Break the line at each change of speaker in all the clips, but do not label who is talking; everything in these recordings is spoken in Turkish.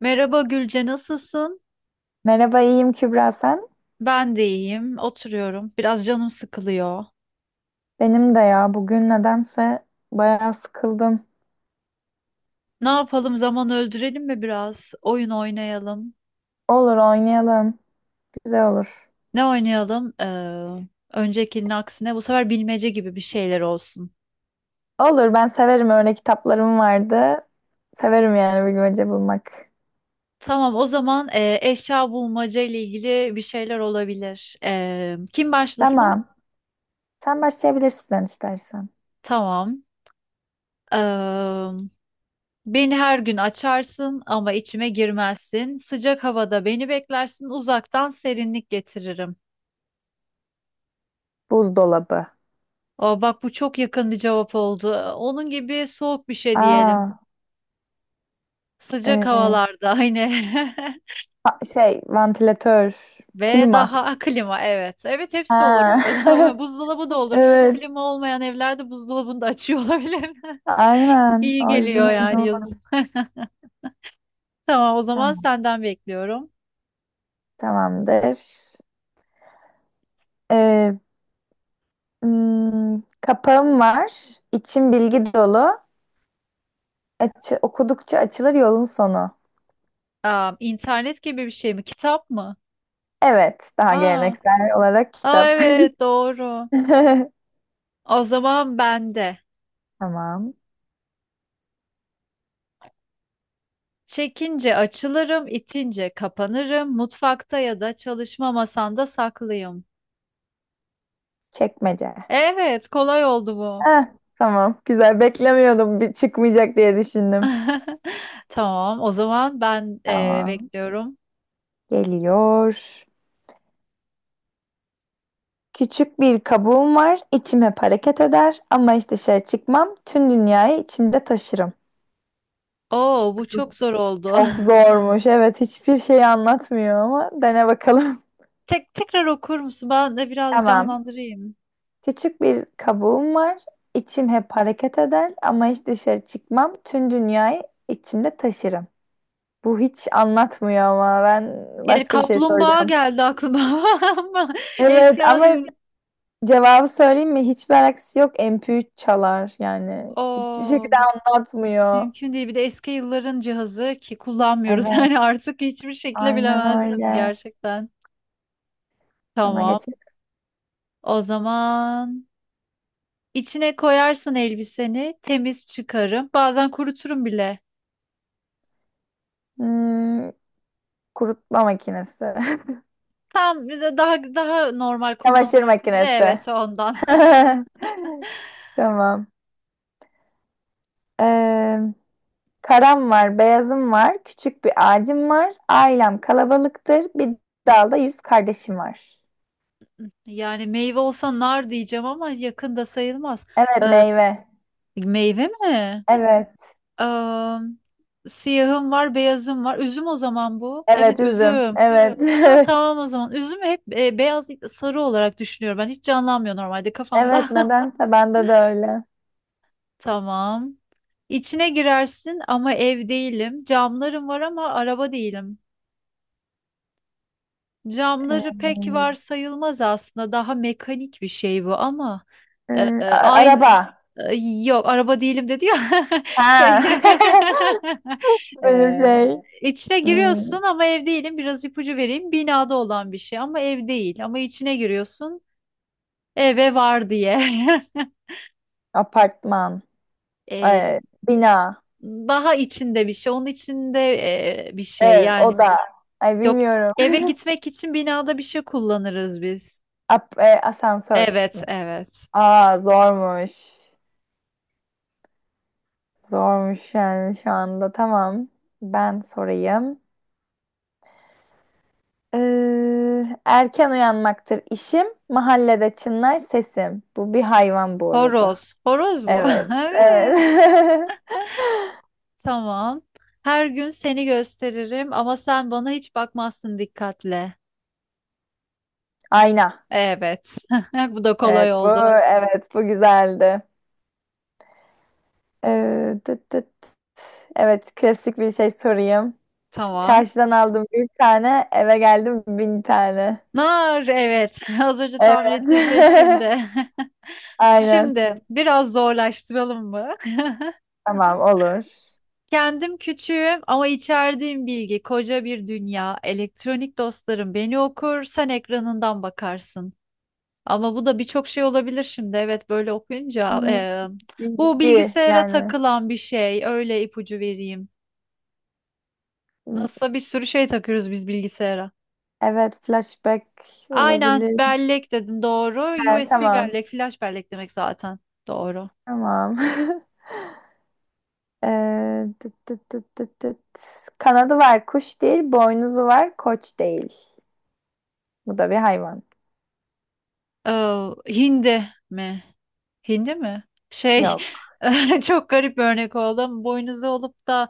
Merhaba Gülce, nasılsın?
Merhaba, iyiyim Kübra sen?
Ben de iyiyim, oturuyorum. Biraz canım sıkılıyor.
Benim de ya, bugün nedense bayağı sıkıldım.
Ne yapalım, zaman öldürelim mi biraz? Oyun oynayalım.
Olur, oynayalım. Güzel olur.
Ne oynayalım? Öncekinin aksine bu sefer bilmece gibi bir şeyler olsun.
Olur, ben severim, öyle kitaplarım vardı. Severim yani bilmece bulmak.
Tamam, o zaman eşya bulmaca ile ilgili bir şeyler olabilir. Kim başlasın?
Tamam. Sen başlayabilirsin istersen.
Tamam. Ee, Beni her gün açarsın ama içime girmezsin. Sıcak havada beni beklersin, uzaktan serinlik getiririm.
Buzdolabı.
O bak, bu çok yakın bir cevap oldu. Onun gibi soğuk bir şey
Aa,
diyelim. Sıcak
e,
havalarda aynı.
şey vantilatör,
Ve
klima.
daha klima, evet. Evet, hepsi olur
Ha.
bu arada. Buzdolabı da olur.
Evet.
Klima olmayan evlerde buzdolabını da açıyor olabilir.
Aynen.
İyi
O
geliyor
yüzden öyle
yani
oldu.
yazın. Tamam, o zaman
Tamam.
senden bekliyorum.
Tamamdır. E, kapağım var. İçim bilgi dolu. Açı, okudukça açılır yolun sonu.
Aa, internet gibi bir şey mi? Kitap mı?
Evet, daha
Aa,
geleneksel olarak
aa,
kitap.
evet, doğru. O zaman bende.
Tamam.
Çekince açılırım, itince kapanırım. Mutfakta ya da çalışma masanda saklıyım.
Çekmece.
Evet, kolay oldu bu.
Heh, tamam. Güzel. Beklemiyordum. Bir çıkmayacak diye düşündüm.
Tamam, o zaman ben
Tamam.
bekliyorum.
Geliyor. Küçük bir kabuğum var. İçim hep hareket eder. Ama hiç dışarı çıkmam. Tüm dünyayı içimde taşırım.
Oo, bu çok zor oldu.
Çok zormuş. Evet, hiçbir şey anlatmıyor ama dene bakalım.
Tek tekrar okur musun? Ben de biraz
Tamam.
canlandırayım.
Küçük bir kabuğum var. İçim hep hareket eder ama hiç dışarı çıkmam. Tüm dünyayı içimde taşırım. Bu hiç anlatmıyor ama ben
Yani
başka bir şey
kaplumbağa
soracağım.
geldi aklıma ama
Evet
eşya
ama
diyoruz.
cevabı söyleyeyim mi? Hiçbir alakası yok. MP3 çalar yani. Hiçbir şekilde
Oo,
anlatmıyor.
mümkün değil. Bir de eski yılların cihazı ki kullanmıyoruz.
Evet,
Yani artık hiçbir şekilde
aynen
bilemezdim
öyle.
gerçekten.
Sana
Tamam.
geçelim.
O zaman içine koyarsın elbiseni, temiz çıkarım. Bazen kuruturum bile.
Hmm, kurutma makinesi.
Tam daha daha normal
Çamaşır
kullanılır.
makinesi.
Evet, ondan.
Tamam. Ee, karam var, beyazım var, küçük bir ağacım var. Ailem kalabalıktır. Bir dalda yüz kardeşim var.
Yani meyve olsa nar diyeceğim ama yakında sayılmaz.
Evet,
Ee,
meyve.
Meyve mi?
Evet.
Ee, Siyahım var, beyazım var. Üzüm o zaman bu. Evet,
Evet, üzüm.
üzüm.
Evet,
Ha,
evet.
tamam o zaman. Üzüm hep beyaz değil de sarı olarak düşünüyorum. Ben hiç canlanmıyor normalde
Evet,
kafamda.
nedense bende de öyle.
Tamam. İçine girersin ama ev değilim. Camlarım var ama araba değilim. Camları
Ee,
pek var sayılmaz aslında. Daha mekanik bir şey bu ama aynı
araba.
e, yok, araba değilim dedi ya,
Ha.
şey
Benim şey.
içine
Hmm,
giriyorsun ama ev değilim. Biraz ipucu vereyim. Binada olan bir şey ama ev değil. Ama içine giriyorsun eve var diye.
apartman.
E,
Ee, bina.
Daha içinde bir şey. Onun içinde bir şey
Ev,
yani.
oda. Ay
Yok,
bilmiyorum.
eve gitmek için binada bir şey kullanırız biz.
Asansör.
Evet, evet.
Aa, zormuş. Zormuş yani şu anda. Tamam. Ben sorayım. Erken uyanmaktır işim, mahallede çınlar sesim. Bu bir hayvan bu arada.
Horoz. Horoz bu.
Evet,
Evet.
evet.
Tamam. Her gün seni gösteririm ama sen bana hiç bakmazsın dikkatle.
Ayna.
Evet. Bu da kolay
Evet, bu
oldu.
evet, bu güzeldi. Tıt tıt. Evet, klasik bir şey sorayım.
Tamam.
Çarşıdan aldım bir tane, eve geldim bin tane.
Nar, evet. Az önce
Evet.
tahmin ettiğim şey şimdi.
Aynen.
Şimdi biraz zorlaştıralım mı?
Tamam, olur.
Kendim küçüğüm ama içerdiğim bilgi koca bir dünya. Elektronik dostlarım beni okur, sen ekranından bakarsın. Ama bu da birçok şey olabilir şimdi. Evet, böyle okuyunca
Hmm,
bu
bilgi
bilgisayara
yani.
takılan bir şey. Öyle ipucu vereyim.
Hmm.
Nasılsa bir sürü şey takıyoruz biz bilgisayara.
Evet, flashback
Aynen,
olabilir.
bellek dedin, doğru.
He,
USB
tamam.
bellek, flash bellek demek zaten. Doğru.
Tamam. Tıt tıt tıt tıt tıt. Kanadı var, kuş değil. Boynuzu var, koç değil. Bu da bir hayvan.
Hindi mi? Hindi mi? Şey,
Yok.
çok garip bir örnek oldu ama boynuzu olup da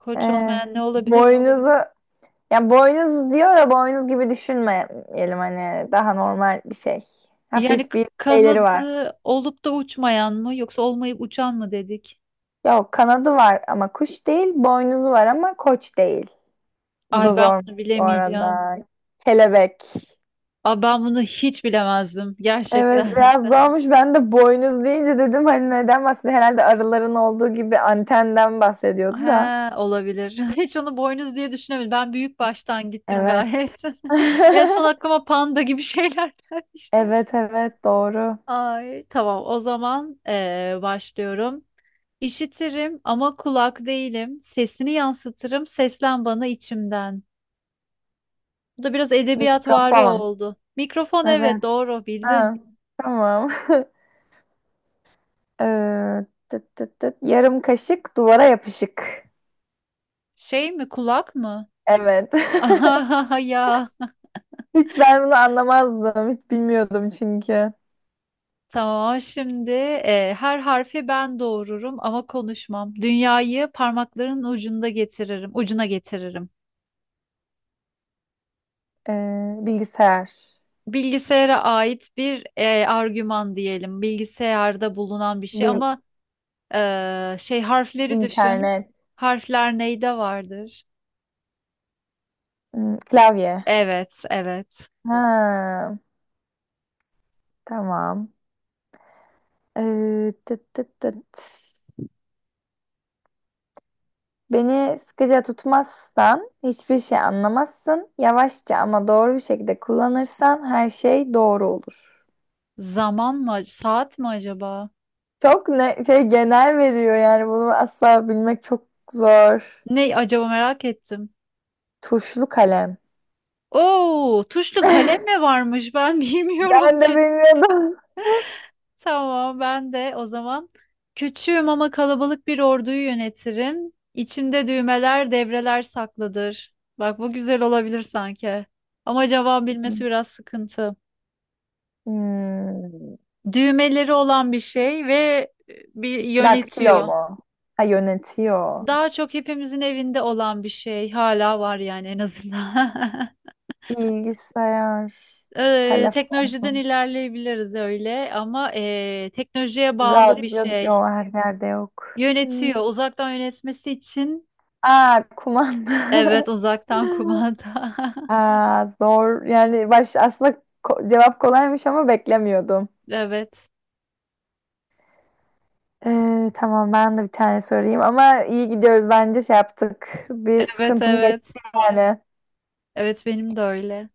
koç
Ee,
olmayan ne olabilir?
boynuzu, ya boynuz diyor da boynuz gibi düşünmeyelim hani, daha normal bir şey.
Yani
Hafif bir şeyleri var.
kanadı olup da uçmayan mı yoksa olmayıp uçan mı dedik?
Yok, kanadı var ama kuş değil. Boynuzu var ama koç değil. Bu
Ay,
da
ben
zor
bunu
bu
bilemeyeceğim.
arada. Kelebek.
Ay, ben bunu hiç bilemezdim
Evet,
gerçekten.
biraz zormuş. Ben de boynuz deyince dedim hani neden bahsediyor? Herhalde arıların olduğu gibi antenden bahsediyordu da.
He, olabilir. Hiç onu boynuz diye düşünemedim. Ben büyük baştan gittim
Evet.
gayet. En son aklıma panda gibi şeyler gelmiş.
Evet, evet doğru.
Ay tamam, o zaman başlıyorum. İşitirim ama kulak değilim. Sesini yansıtırım, seslen bana içimden. Bu da biraz edebiyatvari
Mikrofon.
oldu. Mikrofon, evet,
Evet.
doğru bildin.
Ha, tamam. Tıt tıt tıt. Yarım kaşık duvara yapışık.
Şey mi, kulak mı?
Evet.
Ah ya.
Hiç ben bunu anlamazdım. Hiç bilmiyordum çünkü.
Tamam, şimdi her harfi ben doğururum ama konuşmam. Dünyayı parmakların ucunda getiririm, ucuna getiririm.
Bilgisayar.
Bilgisayara ait bir argüman diyelim. Bilgisayarda bulunan bir şey
Bil
ama şey, harfleri düşün.
internet.
Harfler neyde vardır?
Hmm, klavye.
Evet, evet.
Ha, tamam. Tıt tıt tıt. Beni sıkıca tutmazsan hiçbir şey anlamazsın. Yavaşça ama doğru bir şekilde kullanırsan her şey doğru olur.
Zaman mı? Saat mi acaba?
Çok ne şey genel veriyor yani, bunu asla bilmek çok zor.
Ne acaba, merak ettim.
Tuşlu kalem.
Oo, tuşlu kalem mi varmış? Ben bilmiyorum
Ben de
ki.
bilmiyordum.
Tamam, ben de o zaman küçüğüm ama kalabalık bir orduyu yönetirim. İçimde düğmeler, devreler saklıdır. Bak, bu güzel olabilir sanki. Ama cevap bilmesi biraz sıkıntı.
Hmm.
Düğmeleri olan bir şey ve bir
Daktilo
yönetiyor.
mu? Ha, yönetiyor.
Daha çok hepimizin evinde olan bir şey hala var yani en azından.
Bilgisayar,
Teknolojiden
telefon,
ilerleyebiliriz öyle ama teknolojiye bağlı bir
radyo
şey.
yok, her yerde yok. Hmm.
Yönetiyor. Uzaktan yönetmesi için
Aa, kumanda.
evet, uzaktan kumanda.
Aa, zor. Yani baş aslında cevap kolaymış ama beklemiyordum.
Evet.
Tamam, ben de bir tane sorayım ama iyi gidiyoruz, bence şey yaptık. Bir
Evet,
sıkıntım
evet.
geçti yani.
Evet, benim de öyle.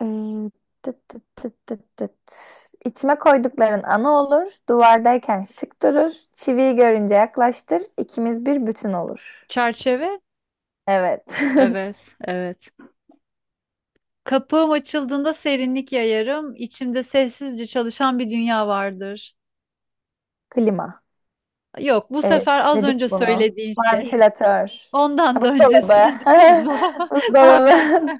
Ee, tıt tıt tıt tıt tıt. İçime koydukların ana olur, duvardayken şık durur, çiviyi görünce yaklaştır, ikimiz bir bütün olur.
Çerçeve?
Evet.
Evet. Evet. Kapım açıldığında serinlik yayarım. İçimde sessizce çalışan bir dünya vardır.
Klima.
Yok, bu
Evet,
sefer az önce
dedik bunu.
söylediğin şey.
Vantilatör. Ha,
Ondan da öncesi
buzdolabı.
buzdolabı, tam tersi.
Buzdolabı.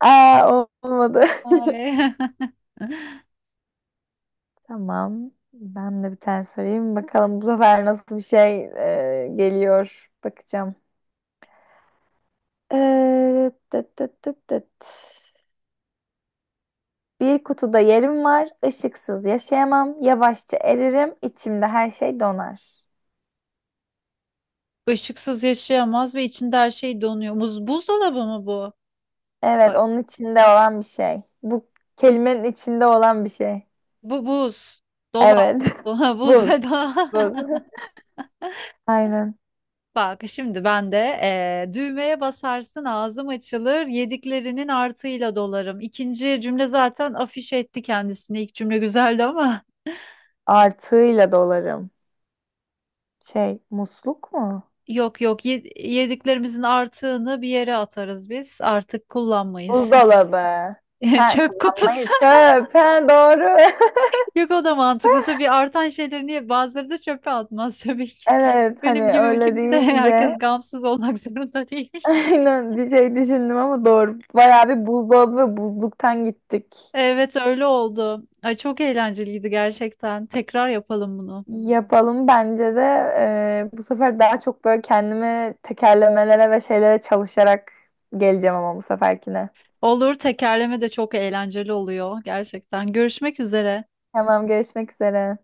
Aa, olmadı.
Ay.
Tamam. Ben de bir tane sorayım. Bakalım bu sefer nasıl bir şey geliyor. Bakacağım. Tıt tıt tıt tıt. Bir kutuda yerim var. Işıksız yaşayamam. Yavaşça eririm. İçimde her şey donar.
Işıksız yaşayamaz ve içinde her şey donuyor. Buz, buzdolabı mı bu?
Evet,
Ay,
onun içinde olan bir şey. Bu kelimenin içinde olan bir şey.
bu buz. Dolap.
Evet.
Dolap, buz
Buz.
ve dolap.
Buz. Aynen.
Bak, şimdi ben de düğmeye basarsın, ağzım açılır, yediklerinin artıyla dolarım. İkinci cümle zaten afiş etti kendisini. İlk cümle güzeldi ama.
Artığıyla dolarım. Şey, musluk mu?
Yok yok, yediklerimizin artığını bir yere atarız biz. Artık kullanmayız.
Buzdolabı. Ha,
Çöp
kullanmayı.
kutusu.
Çöp. Ha, doğru.
Yok, o da mantıklı. Tabii artan şeyleri niye bazıları da çöpe atmaz tabii ki.
Evet, hani
Benim gibi
öyle
kimse
deyince
herkes gamsız olmak zorunda değil.
aynen, bir şey düşündüm ama doğru. Bayağı bir buzdolabı ve buzluktan gittik.
Evet, öyle oldu. Ay, çok eğlenceliydi gerçekten. Tekrar yapalım bunu.
Yapalım bence de, bu sefer daha çok böyle kendimi tekerlemelere ve şeylere çalışarak geleceğim ama bu seferkine.
Olur, tekerleme de çok eğlenceli oluyor gerçekten. Görüşmek üzere.
Tamam, görüşmek üzere.